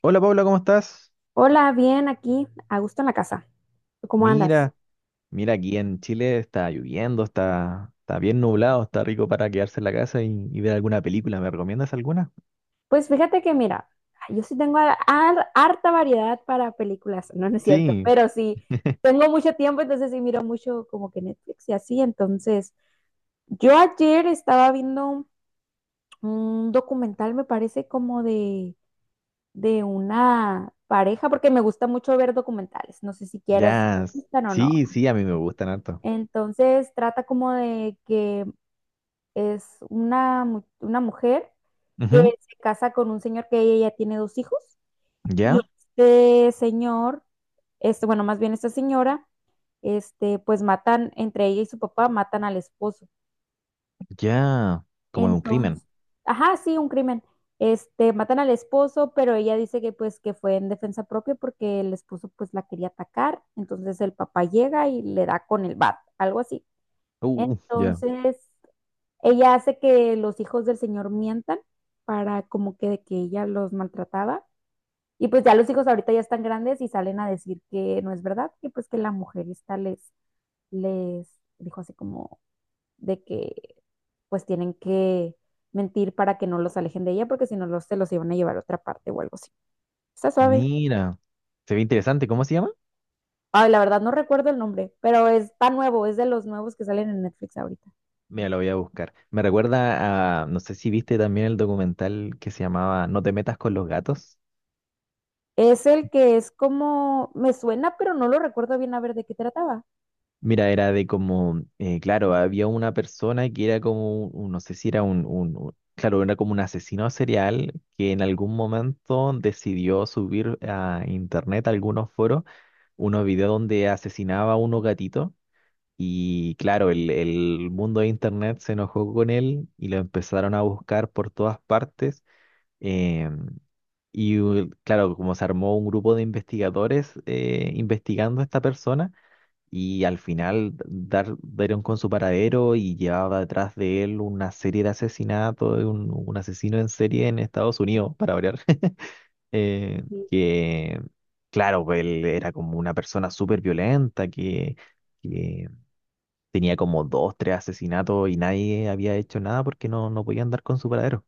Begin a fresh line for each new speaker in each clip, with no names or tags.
Hola, Paula, ¿cómo estás?
Hola, bien, aquí, a gusto en la casa. ¿Tú ¿Cómo andas?
Mira, mira, aquí en Chile está lloviendo, está bien nublado, está rico para quedarse en la casa y ver alguna película. ¿Me recomiendas alguna?
Pues fíjate que mira, yo sí tengo harta variedad para películas, no es cierto,
Sí,
pero sí, tengo mucho tiempo, entonces sí miro mucho como que Netflix y así, entonces yo ayer estaba viendo un documental, me parece como de una pareja, porque me gusta mucho ver documentales, no sé si quieres, te
ya, s-
gustan o no.
sí, sí, a mí me gustan harto.
Entonces trata como de que es una mujer que
Ujú.
se casa con un señor que ella ya tiene dos hijos y
Ya,
este señor, este, bueno, más bien esta señora, este, pues matan, entre ella y su papá, matan al esposo.
ya, como de un
Entonces,
crimen.
ajá, sí, un crimen. Este, matan al esposo, pero ella dice que pues que fue en defensa propia porque el esposo pues la quería atacar, entonces el papá llega y le da con el bat, algo así.
Ya.
Entonces, ella hace que los hijos del señor mientan para como que de que ella los maltrataba. Y pues ya los hijos ahorita ya están grandes y salen a decir que no es verdad, que pues que la mujer esta les, les dijo así como de que pues tienen que mentir para que no los alejen de ella porque si no los, se los iban a llevar a otra parte o algo así. Está suave.
Mira, se ve interesante, ¿cómo se llama?
Ay, la verdad no recuerdo el nombre, pero está nuevo, es de los nuevos que salen en Netflix ahorita.
Mira, lo voy a buscar. Me recuerda a, no sé si viste también el documental que se llamaba No te metas con los gatos.
Es el que es como, me suena, pero no lo recuerdo bien a ver de qué trataba.
Mira, era de como, claro, había una persona que era como, no sé si era claro, era como un asesino serial que en algún momento decidió subir a internet, a algunos foros, unos videos donde asesinaba a unos gatitos y claro, el mundo de internet se enojó con él y lo empezaron a buscar por todas partes. em, claro, como se armó un grupo de investigadores investigando a esta persona y al final dieron con su paradero y llevaba detrás de él una serie de asesinatos, de un asesino en serie en Estados Unidos, para variar. eh,
Ujú.
que claro, pues, él era como una persona súper violenta que tenía como dos, tres asesinatos y nadie había hecho nada porque no podían dar con su paradero.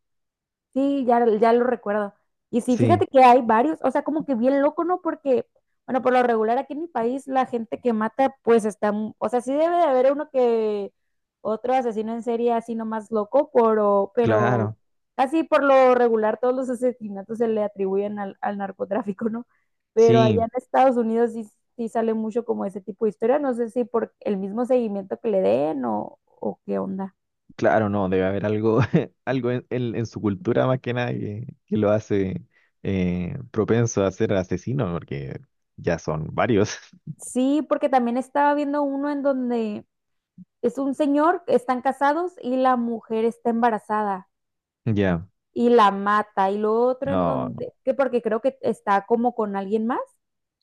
Sí, ya, ya lo recuerdo. Y sí,
Sí,
fíjate que hay varios, o sea, como que bien loco, ¿no? Porque, bueno, por lo regular aquí en mi país la gente que mata, pues está, mu- o sea, sí debe de haber uno que otro asesino en serie así nomás loco, pero
claro,
casi por lo regular todos los asesinatos se le atribuyen al narcotráfico, ¿no? Pero allá
sí.
en Estados Unidos sí, sí sale mucho como ese tipo de historia, no sé si por el mismo seguimiento que le den o qué onda.
Claro, no, debe haber algo, algo en, en su cultura más que nada que lo hace propenso a ser asesino, porque ya son varios.
Sí, porque también estaba viendo uno en donde es un señor, están casados y la mujer está embarazada
Ya,
y la mata y lo otro en
no, no,
donde, que porque creo que está como con alguien más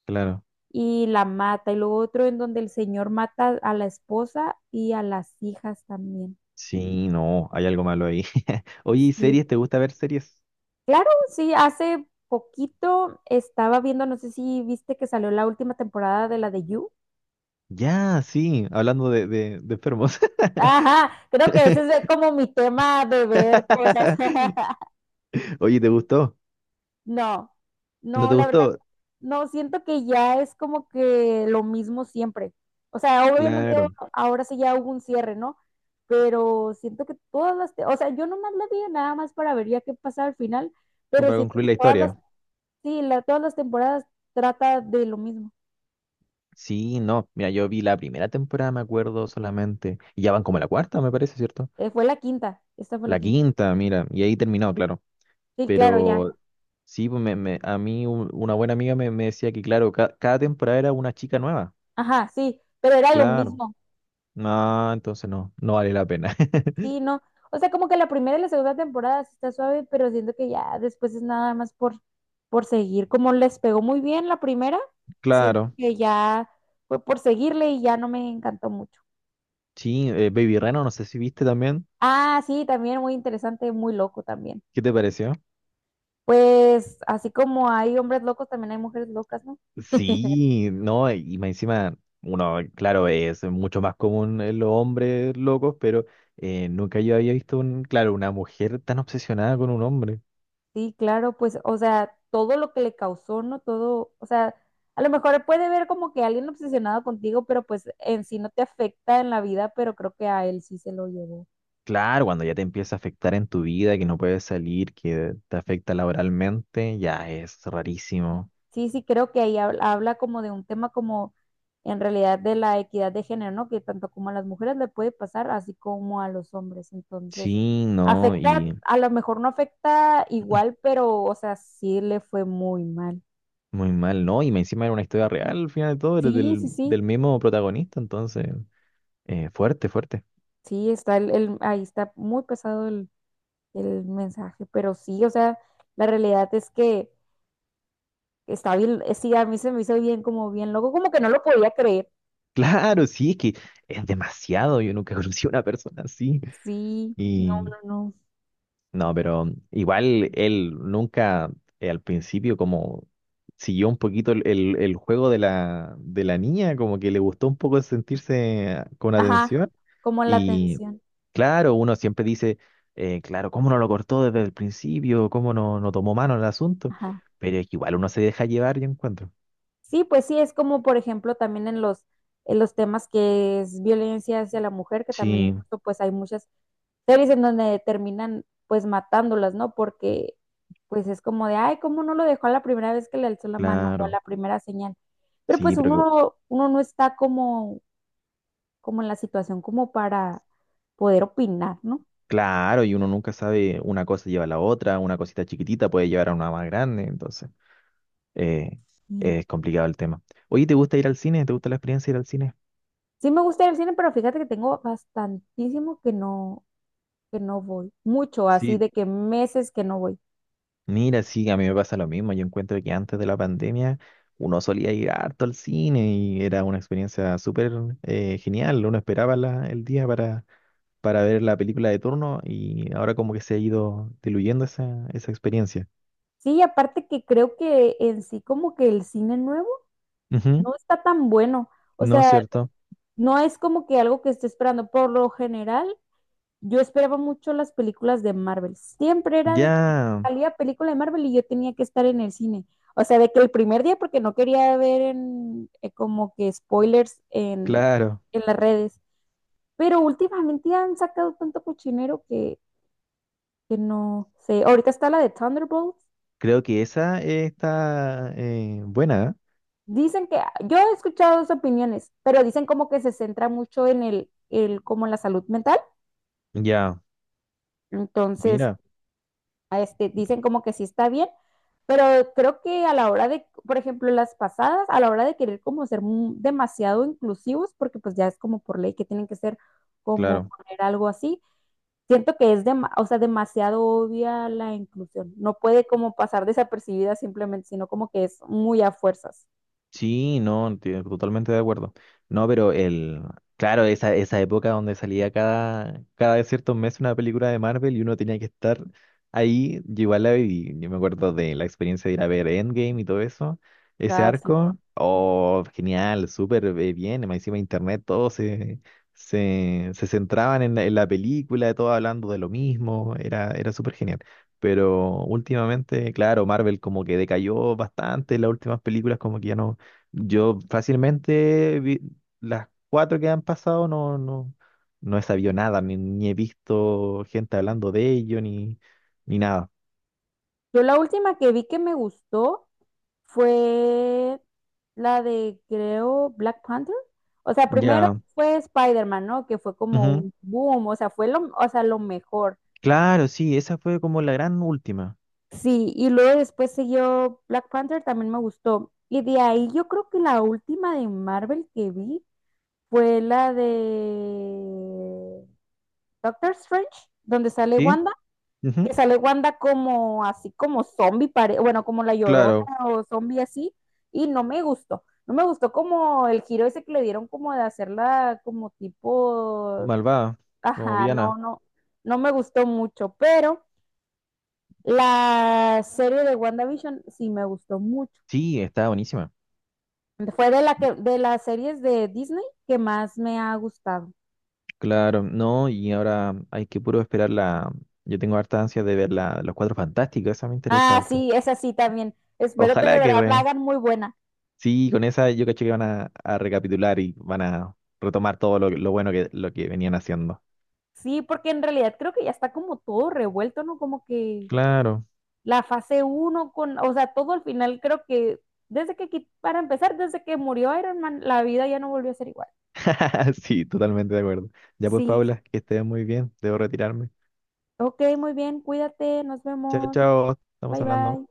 claro.
y la mata y lo otro en donde el señor mata a la esposa y a las hijas también.
Sí, no, hay algo malo ahí. Oye, ¿y
Sí,
series? ¿Te gusta ver series?
claro, sí, hace poquito estaba viendo, no sé si viste que salió la última temporada de la de You.
Ya, sí, hablando de enfermos.
Ajá, creo que ese es como mi tema de ver cosas.
Oye, ¿te gustó?
No,
¿No
no,
te
la verdad
gustó?
no, siento que ya es como que lo mismo siempre. O sea, obviamente
Claro,
ahora sí ya hubo un cierre, ¿no? Pero siento que todas las, o sea, yo nomás la vi nada más para ver ya qué pasa al final,
como
pero
para
siento
concluir
que
la
todas las,
historia.
sí, todas las temporadas trata de lo mismo.
Sí, no. Mira, yo vi la primera temporada, me acuerdo solamente. Y ya van como la cuarta, me parece, ¿cierto?
Fue la quinta, esta fue la
La
quinta.
quinta, mira. Y ahí terminó, claro.
Sí, claro,
Pero
ya.
sí, pues a mí una buena amiga me decía que, claro, cada temporada era una chica nueva.
Ajá, sí, pero era lo
Claro.
mismo.
No, entonces no vale la pena.
Sí, no. O sea, como que la primera y la segunda temporada sí está suave, pero siento que ya después es nada más por seguir. Como les pegó muy bien la primera, siento
Claro.
que ya fue por seguirle y ya no me encantó mucho.
Sí, Baby Reno, no sé si viste también.
Ah, sí, también muy interesante, muy loco también.
¿Qué te pareció?
Pues así como hay hombres locos, también hay mujeres locas, ¿no?
Sí, no, y más encima, uno, claro, es mucho más común en los hombres locos, pero nunca yo había visto un, claro, una mujer tan obsesionada con un hombre.
Sí, claro, pues, o sea, todo lo que le causó, ¿no? Todo, o sea, a lo mejor puede ver como que alguien obsesionado contigo, pero pues en sí no te afecta en la vida, pero creo que a él sí se lo llevó.
Claro, cuando ya te empieza a afectar en tu vida, que no puedes salir, que te afecta laboralmente, ya es rarísimo.
Sí, sí, creo que ahí habla, habla como de un tema como en realidad de la equidad de género, ¿no? Que tanto como a las mujeres le puede pasar, así como a los hombres. Entonces,
Sí, no,
afecta,
y
a lo mejor no afecta igual, pero, o sea, sí le fue muy mal.
muy mal, ¿no? Y más encima era una historia real al final de todo, era
Sí, sí, sí,
del mismo protagonista, entonces, fuerte, fuerte.
sí, está ahí está muy pesado el mensaje, pero sí, o sea, la realidad es que está bien, sí, a mí se me hizo bien, como bien loco, como que no lo podía creer.
Claro, sí, es que es demasiado, yo nunca conocí a una persona así.
Sí, no,
Y
no, no.
no, pero igual él nunca al principio como siguió un poquito el juego de la niña, como que le gustó un poco sentirse con
Ajá,
atención.
como la
Y
atención.
claro, uno siempre dice, claro, ¿cómo no lo cortó desde el principio? ¿Cómo no tomó mano en el asunto?
Ajá.
Pero es que igual uno se deja llevar, yo encuentro.
Sí, pues sí, es como por ejemplo también en los temas que es violencia hacia la mujer, que también
Sí,
incluso pues hay muchas series en donde terminan pues matándolas, ¿no? Porque pues es como de, ay, ¿cómo no lo dejó a la primera vez que le alzó la mano o a
claro,
la primera señal? Pero
sí,
pues uno, uno no está como, como en la situación como para poder opinar, ¿no?
claro, y uno nunca sabe, una cosa lleva a la otra, una cosita chiquitita puede llevar a una más grande, entonces. eh,
Sí.
es complicado el tema. Oye, ¿te gusta ir al cine? ¿Te gusta la experiencia de ir al cine?
Sí me gusta ir al cine, pero fíjate que tengo bastantísimo que no voy, mucho así
Sí,
de que meses que no voy.
mira, sí, a mí me pasa lo mismo. Yo encuentro que antes de la pandemia uno solía ir harto al cine y era una experiencia súper genial. Uno esperaba el día para ver la película de turno y ahora como que se ha ido diluyendo esa experiencia.
Sí, aparte que creo que en sí como que el cine nuevo
Ujú.
no está tan bueno. O
No es
sea,
cierto.
no es como que algo que esté esperando. Por lo general, yo esperaba mucho las películas de Marvel. Siempre era de que
Ya,
salía película de Marvel y yo tenía que estar en el cine. O sea, de que el primer día, porque no quería ver en, como que spoilers
claro.
en las redes. Pero últimamente han sacado tanto cochinero que no sé. Ahorita está la de Thunderbolts.
Creo que esa está buena.
Dicen que, yo he escuchado dos opiniones, pero dicen como que se centra mucho en el como en la salud mental.
¿Eh? Ya,
Entonces,
mira,
a este, dicen como que sí está bien, pero creo que a la hora de, por ejemplo, las pasadas, a la hora de querer como ser demasiado inclusivos, porque pues ya es como por ley que tienen que ser como
claro.
poner algo así, siento que es o sea, demasiado obvia la inclusión. No puede como pasar desapercibida simplemente, sino como que es muy a fuerzas,
Sí, no, totalmente de acuerdo. No, pero el, claro, esa época donde salía cada ciertos meses una película de Marvel y uno tenía que estar ahí, yo igual la viví. Yo me acuerdo de la experiencia de ir a ver Endgame y todo eso, ese
¿verdad? Así
arco, oh, genial, súper bien, más encima internet, se centraban en la película, todos hablando de lo mismo, era súper genial. Pero últimamente, claro, Marvel como que decayó bastante, las últimas películas como que ya no yo fácilmente vi- las cuatro que han pasado no he sabido nada, ni he visto gente hablando de ello, ni nada.
yo la última que vi que me gustó fue la de, creo, Black Panther. O sea, primero
Ya.
fue Spider-Man, ¿no? Que fue como
Ujú.
un boom, o sea, fue lo, o sea, lo mejor.
Claro, sí, esa fue como la gran última.
Sí, y luego después siguió Black Panther, también me gustó. Y de ahí yo creo que la última de Marvel que vi fue la de Doctor Strange, donde sale
¿Sí?
Wanda.
Ujú.
Que sale Wanda como así como zombie, bueno, como la Llorona
Claro,
o zombie así, y no me gustó. No me gustó como el giro ese que le dieron como de hacerla como tipo,
malvada, como
ajá, no,
Viana.
no, no me gustó mucho, pero la serie de WandaVision sí me gustó mucho.
Sí, está buenísima.
Fue de la que, de las series de Disney que más me ha gustado.
Claro, no, y ahora hay que puro esperar la... Yo tengo harta ansia de ver los cuatro fantásticos, esa me interesa
Ah,
harto.
sí, esa sí también. Espero que de
Ojalá que,
verdad la
re-
hagan muy buena.
sí, con esa yo caché que van a recapitular y van a retomar todo lo bueno que, lo que venían haciendo.
Sí, porque en realidad creo que ya está como todo revuelto, ¿no? Como que
Claro.
la fase uno con, o sea, todo al final creo que desde que, para empezar, desde que murió Iron Man, la vida ya no volvió a ser igual.
Sí, totalmente de acuerdo. Ya pues,
Sí, sí.
Paula, que estés muy bien. Debo retirarme.
Ok, muy bien, cuídate, nos
Chao,
vemos,
chao. Estamos
bye
hablando.
bye.